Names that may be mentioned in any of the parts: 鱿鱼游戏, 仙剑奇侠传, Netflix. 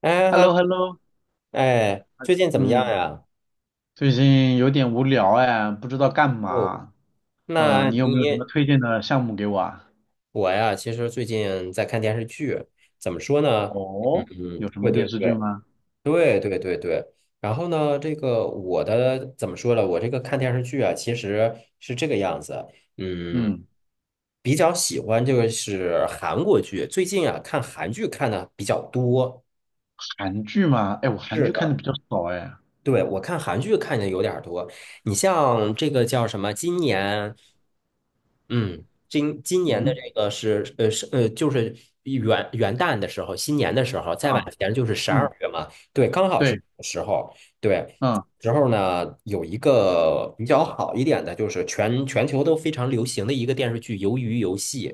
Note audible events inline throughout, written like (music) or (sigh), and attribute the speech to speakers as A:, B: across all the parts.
A: 哎
B: h e l l o
A: 哈，
B: h e l l o
A: 哎，最近怎么样
B: 嗯，
A: 呀？
B: 最近有点无聊哎，不知道干
A: 哦，
B: 嘛。嗯，
A: 那
B: 你有没有什么
A: 你
B: 推荐的项目给我啊？
A: 我呀，其实最近在看电视剧，怎么说呢？嗯，
B: 哦，有什
A: 对
B: 么
A: 对
B: 电
A: 对
B: 视剧吗？
A: 对对对对。然后呢，这个我的怎么说呢？我这个看电视剧啊，其实是这个样子。嗯，
B: 嗯，
A: 比较喜欢就是韩国剧，最近啊看韩剧看的比较多。
B: 韩剧吗？哎，我韩
A: 是
B: 剧看的
A: 的。
B: 比较少哎。
A: 对，我看韩剧看的有点儿多，你像这个叫什么？今年，嗯，今年的
B: 嗯
A: 这个是，就是元旦的时候，新年的时候，再往
B: 啊，
A: 前就是十二
B: 嗯，
A: 月嘛，对，刚好是
B: 对，
A: 这个时候，对，
B: 嗯，
A: 时候呢有一个比较好一点的，就是全球都非常流行的一个电视剧《鱿鱼游戏》。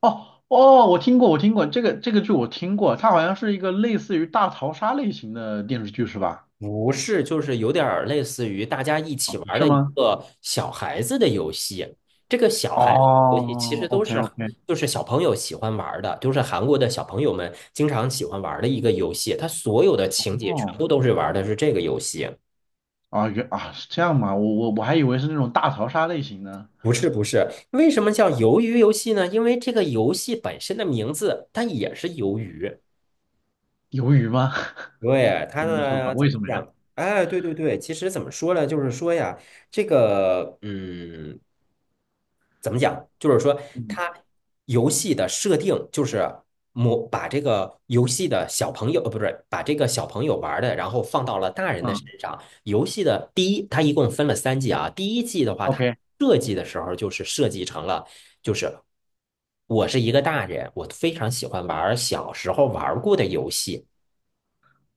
B: 哦哦，我听过，这个剧，我听过，它好像是一个类似于大逃杀类型的电视剧是吧？
A: 不是，就是有点儿类似于大家一起玩儿
B: 是
A: 的一
B: 吗？
A: 个小孩子的游戏。这个小孩子游戏其实
B: 哦
A: 都
B: ，OK
A: 是
B: OK，
A: 就是小朋友喜欢玩儿的，就是韩国的小朋友们经常喜欢玩儿的一个游戏。它所有的情节全
B: 哦，
A: 部都是玩儿的是这个游戏。
B: 啊是这样吗？我还以为是那种大逃杀类型呢。
A: 不是不是，为什么叫鱿鱼游戏呢？因为这个游戏本身的名字它也是鱿鱼。
B: 鱿鱼吗？(laughs)
A: 对，它
B: 怎么个说法？
A: 呢怎
B: 为
A: 么
B: 什么呀？
A: 讲？哎，对对对，其实怎么说呢？就是说呀，这个怎么讲？就是说，
B: 嗯
A: 它游戏的设定就是把这个游戏的小朋友，不是把这个小朋友玩的，然后放到了大人的身
B: 嗯
A: 上。游戏的第一，它一共分了三季啊。第一季的话，它
B: ，OK，
A: 设计的时候就是设计成了，就是我是一个大人，我非常喜欢玩小时候玩过的游戏，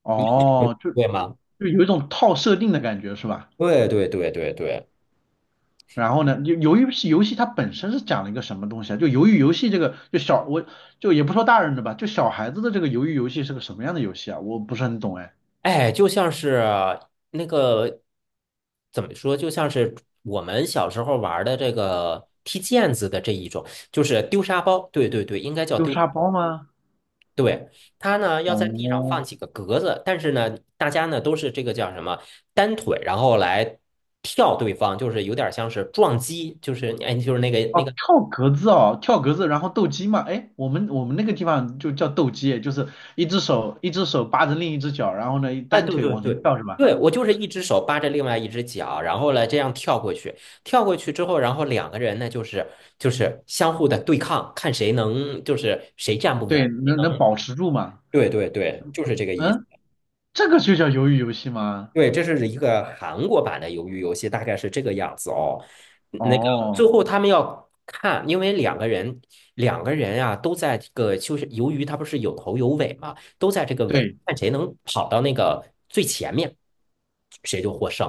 B: 哦，就
A: 对吗？
B: 就有一种套设定的感觉是吧？
A: 对对对对对。
B: 然后呢，就鱿鱼是游戏它本身是讲了一个什么东西啊？就鱿鱼游戏这个，就小我就也不说大人的吧，就小孩子的这个鱿鱼游戏是个什么样的游戏啊？我不是很懂哎，
A: 哎，就像是那个怎么说，就像是我们小时候玩的这个踢毽子的这一种，就是丢沙包。对对对，应该叫
B: 丢
A: 丢。
B: 沙包吗？
A: 对，它呢要在地上
B: 哦
A: 放几个格子，但是呢，大家呢都是这个叫什么单腿，然后来跳对方，就是有点像是撞击，就是哎，就是那个那
B: 哦，
A: 个
B: 跳格子哦，跳格子，然后斗鸡嘛，哎，我们那个地方就叫斗鸡，就是一只手扒着另一只脚，然后呢
A: 哎，
B: 单
A: 对
B: 腿
A: 对
B: 往前
A: 对
B: 跳是吧？
A: 对，我就是一只手扒着另外一只脚，然后呢这样跳过去，跳过去之后，然后两个人呢就是相互的对抗，看谁能就是谁站不稳。
B: 对，能保持住吗？
A: 对对对，就是这个意思。
B: 嗯，这个就叫鱿鱼游戏吗？
A: 对，这是一个韩国版的鱿鱼游戏，大概是这个样子哦。那个最
B: 哦，
A: 后他们要看，因为两个人啊都在这个就是鱿鱼，它不是有头有尾嘛，都在这个尾，
B: 对
A: 看谁能跑到那个最前面，谁就获胜。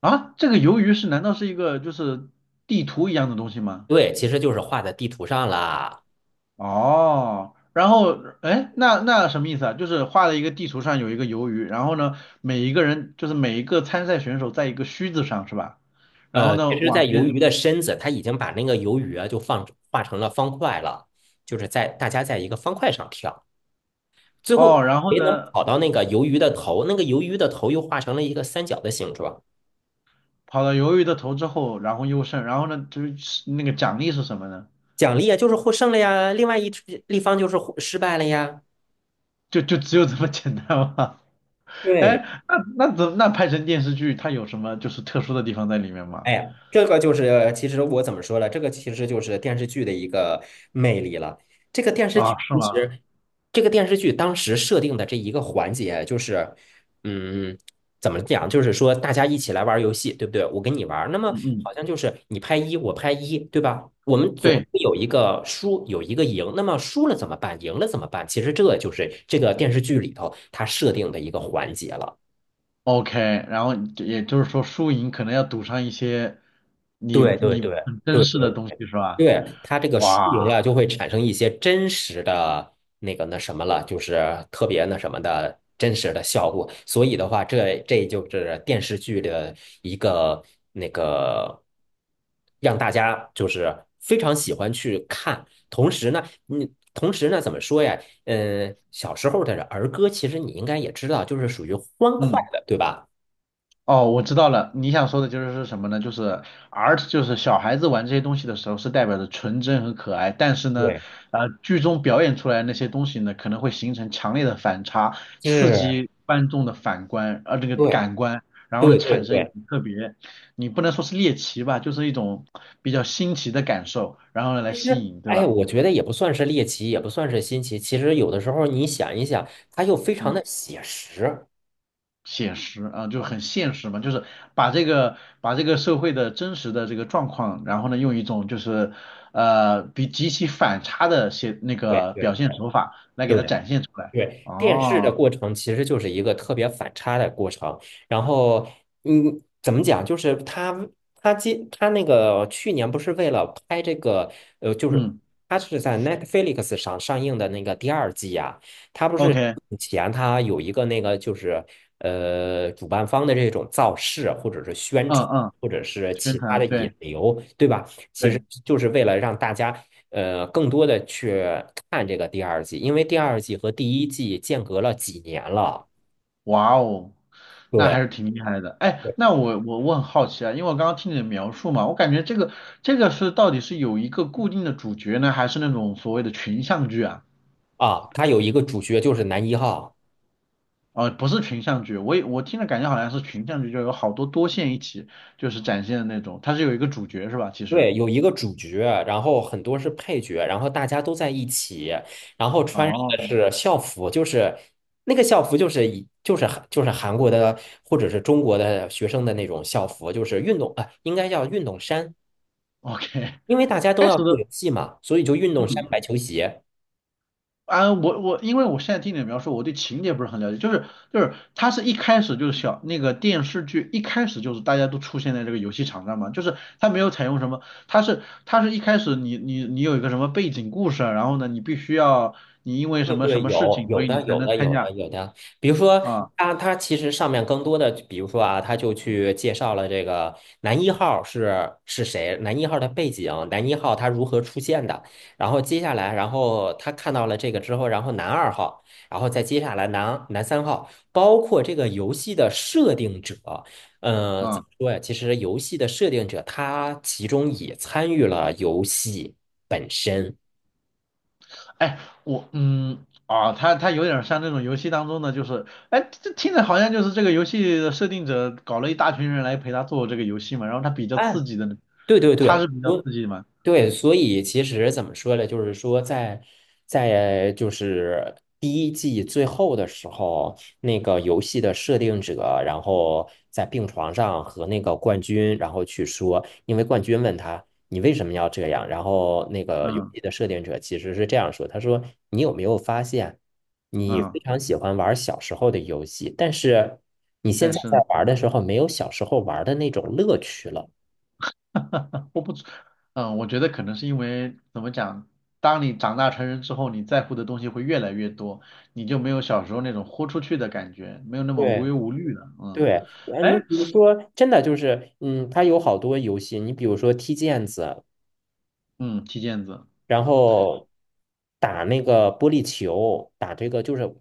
B: 啊，这个鱿鱼是难道是一个就是地图一样的东西吗？
A: 对，其实就是画在地图上了。
B: 哦，然后哎，那什么意思啊？就是画了一个地图上有一个鱿鱼，然后呢，每一个人就是每一个参赛选手在一个须子上是吧？然后
A: 呃，
B: 呢
A: 其实，在
B: 往
A: 鱿
B: 前
A: 鱼的身子，它已经把那个鱿鱼啊，就放画成了方块了，就是在大家在一个方块上跳，最后
B: 哦，然后
A: 谁能
B: 呢
A: 跑到那个鱿鱼的头，那个鱿鱼的头又画成了一个三角的形状，
B: 跑到鱿鱼的头之后，然后优胜，然后呢就是那个奖励是什么呢？
A: 奖励啊就是获胜了呀，另外一只立方就是获失败了呀。
B: 就只有这么简单吗？(laughs)
A: 对，
B: 哎，那拍成电视剧，它有什么就是特殊的地方在里面吗？
A: 哎呀，这个就是，其实我怎么说呢？这个其实就是电视剧的一个魅力了。这个电视剧
B: 啊，是
A: 其
B: 吗？
A: 实，这个电视剧当时设定的这一个环节就是，嗯，怎么讲？就是说大家一起来玩儿游戏，对不对？我跟你玩儿那么
B: 嗯嗯，
A: 好像就是你拍一，我拍一，对吧？我们总
B: 对
A: 会有一个输，有一个赢。那么输了怎么办？赢了怎么办？其实这就是这个电视剧里头它设定的一个环节了。
B: ，OK，然后就也就是说输赢可能要赌上一些你
A: 对对
B: 你
A: 对
B: 很珍
A: 对
B: 视的
A: 对
B: 东西是吧？
A: 对，它这个输
B: 哇，
A: 赢呀，就会产生一些真实的那个那什么了，就是特别那什么的真实的效果。所以的话，这这就是电视剧的一个那个，让大家就是非常喜欢去看。同时呢，你同时呢，怎么说呀？嗯，小时候的儿歌，其实你应该也知道，就是属于欢快
B: 嗯。
A: 的，对吧？
B: 哦，我知道了，你想说的就是什么呢？就是 art，就是小孩子玩这些东西的时候是代表着纯真和可爱，但是呢，
A: 对，
B: 剧中表演出来的那些东西呢，可能会形成强烈的反差，刺
A: 是，
B: 激观众的反观，这个
A: 对，
B: 感官，然后呢，
A: 对，
B: 产
A: 对，
B: 生一
A: 对。
B: 种特别，你不能说是猎奇吧，就是一种比较新奇的感受，然后呢，来
A: 其
B: 吸
A: 实，
B: 引，对吧？
A: 哎，我觉得也不算是猎奇，也不算是新奇。其实有的时候你想一想，它又非常
B: 嗯。
A: 的写实。
B: 写实啊，就很现实嘛，就是把这个社会的真实的这个状况，然后呢，用一种就是比极其反差的写那
A: 对
B: 个
A: 对
B: 表现手法来给
A: 对
B: 它
A: 对。
B: 展现出来。
A: 对，电视的
B: 哦，
A: 过程其实就是一个特别反差的过程。然后，怎么讲？就是他去年不是为了拍这个，呃，就是
B: 嗯
A: 他是在 Netflix 上上映的那个第二季呀、他不是
B: ，OK，
A: 以前他有一个那个就是主办方的这种造势或者是宣
B: 嗯
A: 传
B: 嗯，
A: 或者是
B: 宣
A: 其他的
B: 传，
A: 引
B: 对
A: 流，对吧？其实
B: 对，
A: 就是为了让大家呃更多的去看这个第二季，因为第二季和第一季间隔了几年了。
B: 哇哦，那
A: 对，
B: 还是挺厉害的。哎，
A: 对
B: 那我很好奇啊，因为我刚刚听你的描述嘛，我感觉这个是到底是有一个固定的主角呢，还是那种所谓的群像剧啊？
A: 啊，它有一个主角就是男一号，
B: 哦，不是群像剧，我听着感觉好像是群像剧，就有好多多线一起就是展现的那种，它是有一个主角是吧？其
A: 对，
B: 实，
A: 有一个主角，然后很多是配角，然后大家都在一起，然后穿上
B: 哦
A: 的是校服，就是那个校服就是以就是韩就是韩国的或者是中国的学生的那种校服，就是运动啊、呃应该叫运动衫，
B: ，OK，
A: 因为大
B: (laughs)
A: 家都
B: 开
A: 要
B: 始
A: 做
B: 的，
A: 游戏嘛，所以就运动
B: 嗯
A: 衫、白
B: 嗯，
A: 球鞋。
B: 啊，我因为我现在听你的描述，我对情节不是很了解，就是它是一开始就是那个电视剧一开始就是大家都出现在这个游戏场上嘛，就是它没有采用什么，它是一开始你有一个什么背景故事啊，然后呢你必须要你因为
A: 对
B: 什么什
A: 对，
B: 么事
A: 有
B: 情，所
A: 有
B: 以你
A: 的
B: 才
A: 有
B: 能
A: 的
B: 参
A: 有的
B: 加
A: 有的，比如说
B: 啊
A: 他他其实上面更多的，比如说啊，他就去介绍了这个男一号是谁，男一号的背景，男一号他如何出现的，然后接下来，然后他看到了这个之后，然后男二号，然后再接下来男男三号，包括这个游戏的设定者，呃，怎么
B: 啊。
A: 说呀？其实游戏的设定者他其中也参与了游戏本身。
B: 哎，我嗯啊，他有点像那种游戏当中的，就是哎，这听着好像就是这个游戏的设定者搞了一大群人来陪他做这个游戏嘛，然后他比较
A: 哎，
B: 刺激的，
A: 对对
B: 他
A: 对，
B: 是比较
A: 我
B: 刺激的嘛，
A: 对，所以其实怎么说呢？就是说在，在就是第一季最后的时候，那个游戏的设定者，然后在病床上和那个冠军，然后去说，因为冠军问他你为什么要这样，然后那个游
B: 嗯
A: 戏的设定者其实是这样说，他说你有没有发现，你非
B: 嗯，
A: 常喜欢玩小时候的游戏，但是你现
B: 但
A: 在在
B: 是
A: 玩的时候没有小时候玩的那种乐趣了。
B: (laughs) 我不知，我觉得可能是因为怎么讲，当你长大成人之后，你在乎的东西会越来越多，你就没有小时候那种豁出去的感觉，没有那么无
A: 对。
B: 忧无虑了，嗯，
A: 对，啊，你
B: 哎，
A: 比如说，真的就是，嗯，它有好多游戏，你比如说踢毽子，
B: 嗯，踢毽子。
A: 然后打那个玻璃球，打这个就是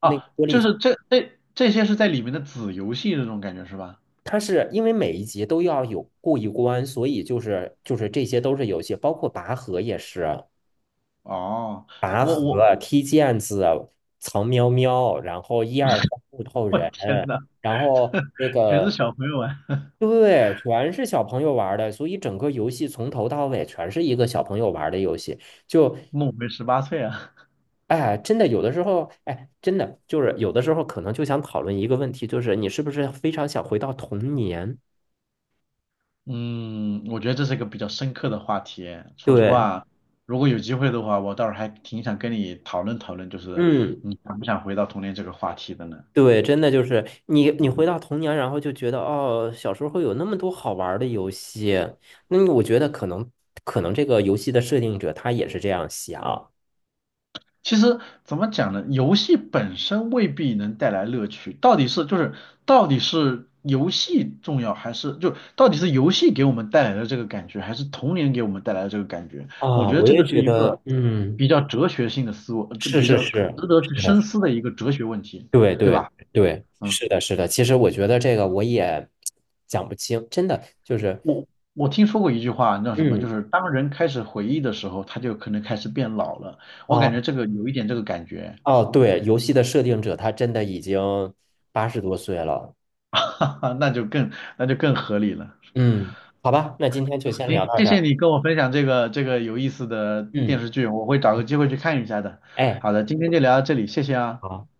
A: 那个
B: 啊，
A: 玻
B: 就
A: 璃，
B: 是这些是在里面的子游戏这种感觉是吧？
A: 它是因为每一集都要有过一关，所以就是就是这些都是游戏，包括拔河也是，
B: 哦，
A: 拔
B: 我我
A: 河、踢毽子、藏喵喵，然后一二三木头
B: 我
A: 人，
B: 天呐，
A: 然后那
B: 全是
A: 个
B: 小朋友玩，
A: 对，全是小朋友玩儿的，所以整个游戏从头到尾全是一个小朋友玩儿的游戏。就，
B: (laughs) 梦回18岁啊。
A: 哎，真的有的时候，哎，真的就是有的时候可能就想讨论一个问题，就是你是不是非常想回到童年？
B: 嗯，我觉得这是一个比较深刻的话题。说实
A: 对，
B: 话，如果有机会的话，我倒是还挺想跟你讨论讨论，就是
A: 嗯，
B: 你想不想回到童年这个话题的呢？
A: 对，真的就是你你回
B: 嗯。
A: 到童年，然后就觉得哦，小时候会有那么多好玩儿的游戏。那我觉得可能可能这个游戏的设定者他也是这样想
B: 其实怎么讲呢？游戏本身未必能带来乐趣，到底是游戏重要，还是就到底是游戏给我们带来的这个感觉，还是童年给我们带来的这个感觉？我
A: 啊，
B: 觉得
A: 我
B: 这
A: 也
B: 个是
A: 觉
B: 一
A: 得，
B: 个
A: 嗯，
B: 比较哲学性的思维，这
A: 是
B: 比
A: 是
B: 较可
A: 是。
B: 值得去
A: 是的，
B: 深思的一个哲学问题，
A: 对
B: 对
A: 对
B: 吧？
A: 对，
B: 嗯，
A: 是的，是的。其实我觉得这个我也讲不清，真的就是，
B: 我我听说过一句话，叫什么？就
A: 嗯，
B: 是当人开始回忆的时候，他就可能开始变老了。我感
A: 啊，
B: 觉这个有一点这个感觉，
A: 哦，对，游戏的设定者他真的已经80多岁了。
B: (laughs) 哈哈，那就更合理了。
A: 嗯，好吧，那今天就
B: (laughs)
A: 先聊
B: 行，
A: 到
B: 谢
A: 这
B: 谢
A: 儿。
B: 你跟我分享这个有意思的电
A: 嗯，
B: 视剧，我会找个机会去看一下的。
A: 哎，
B: 好的，今天就聊到这里，谢谢啊。
A: 好。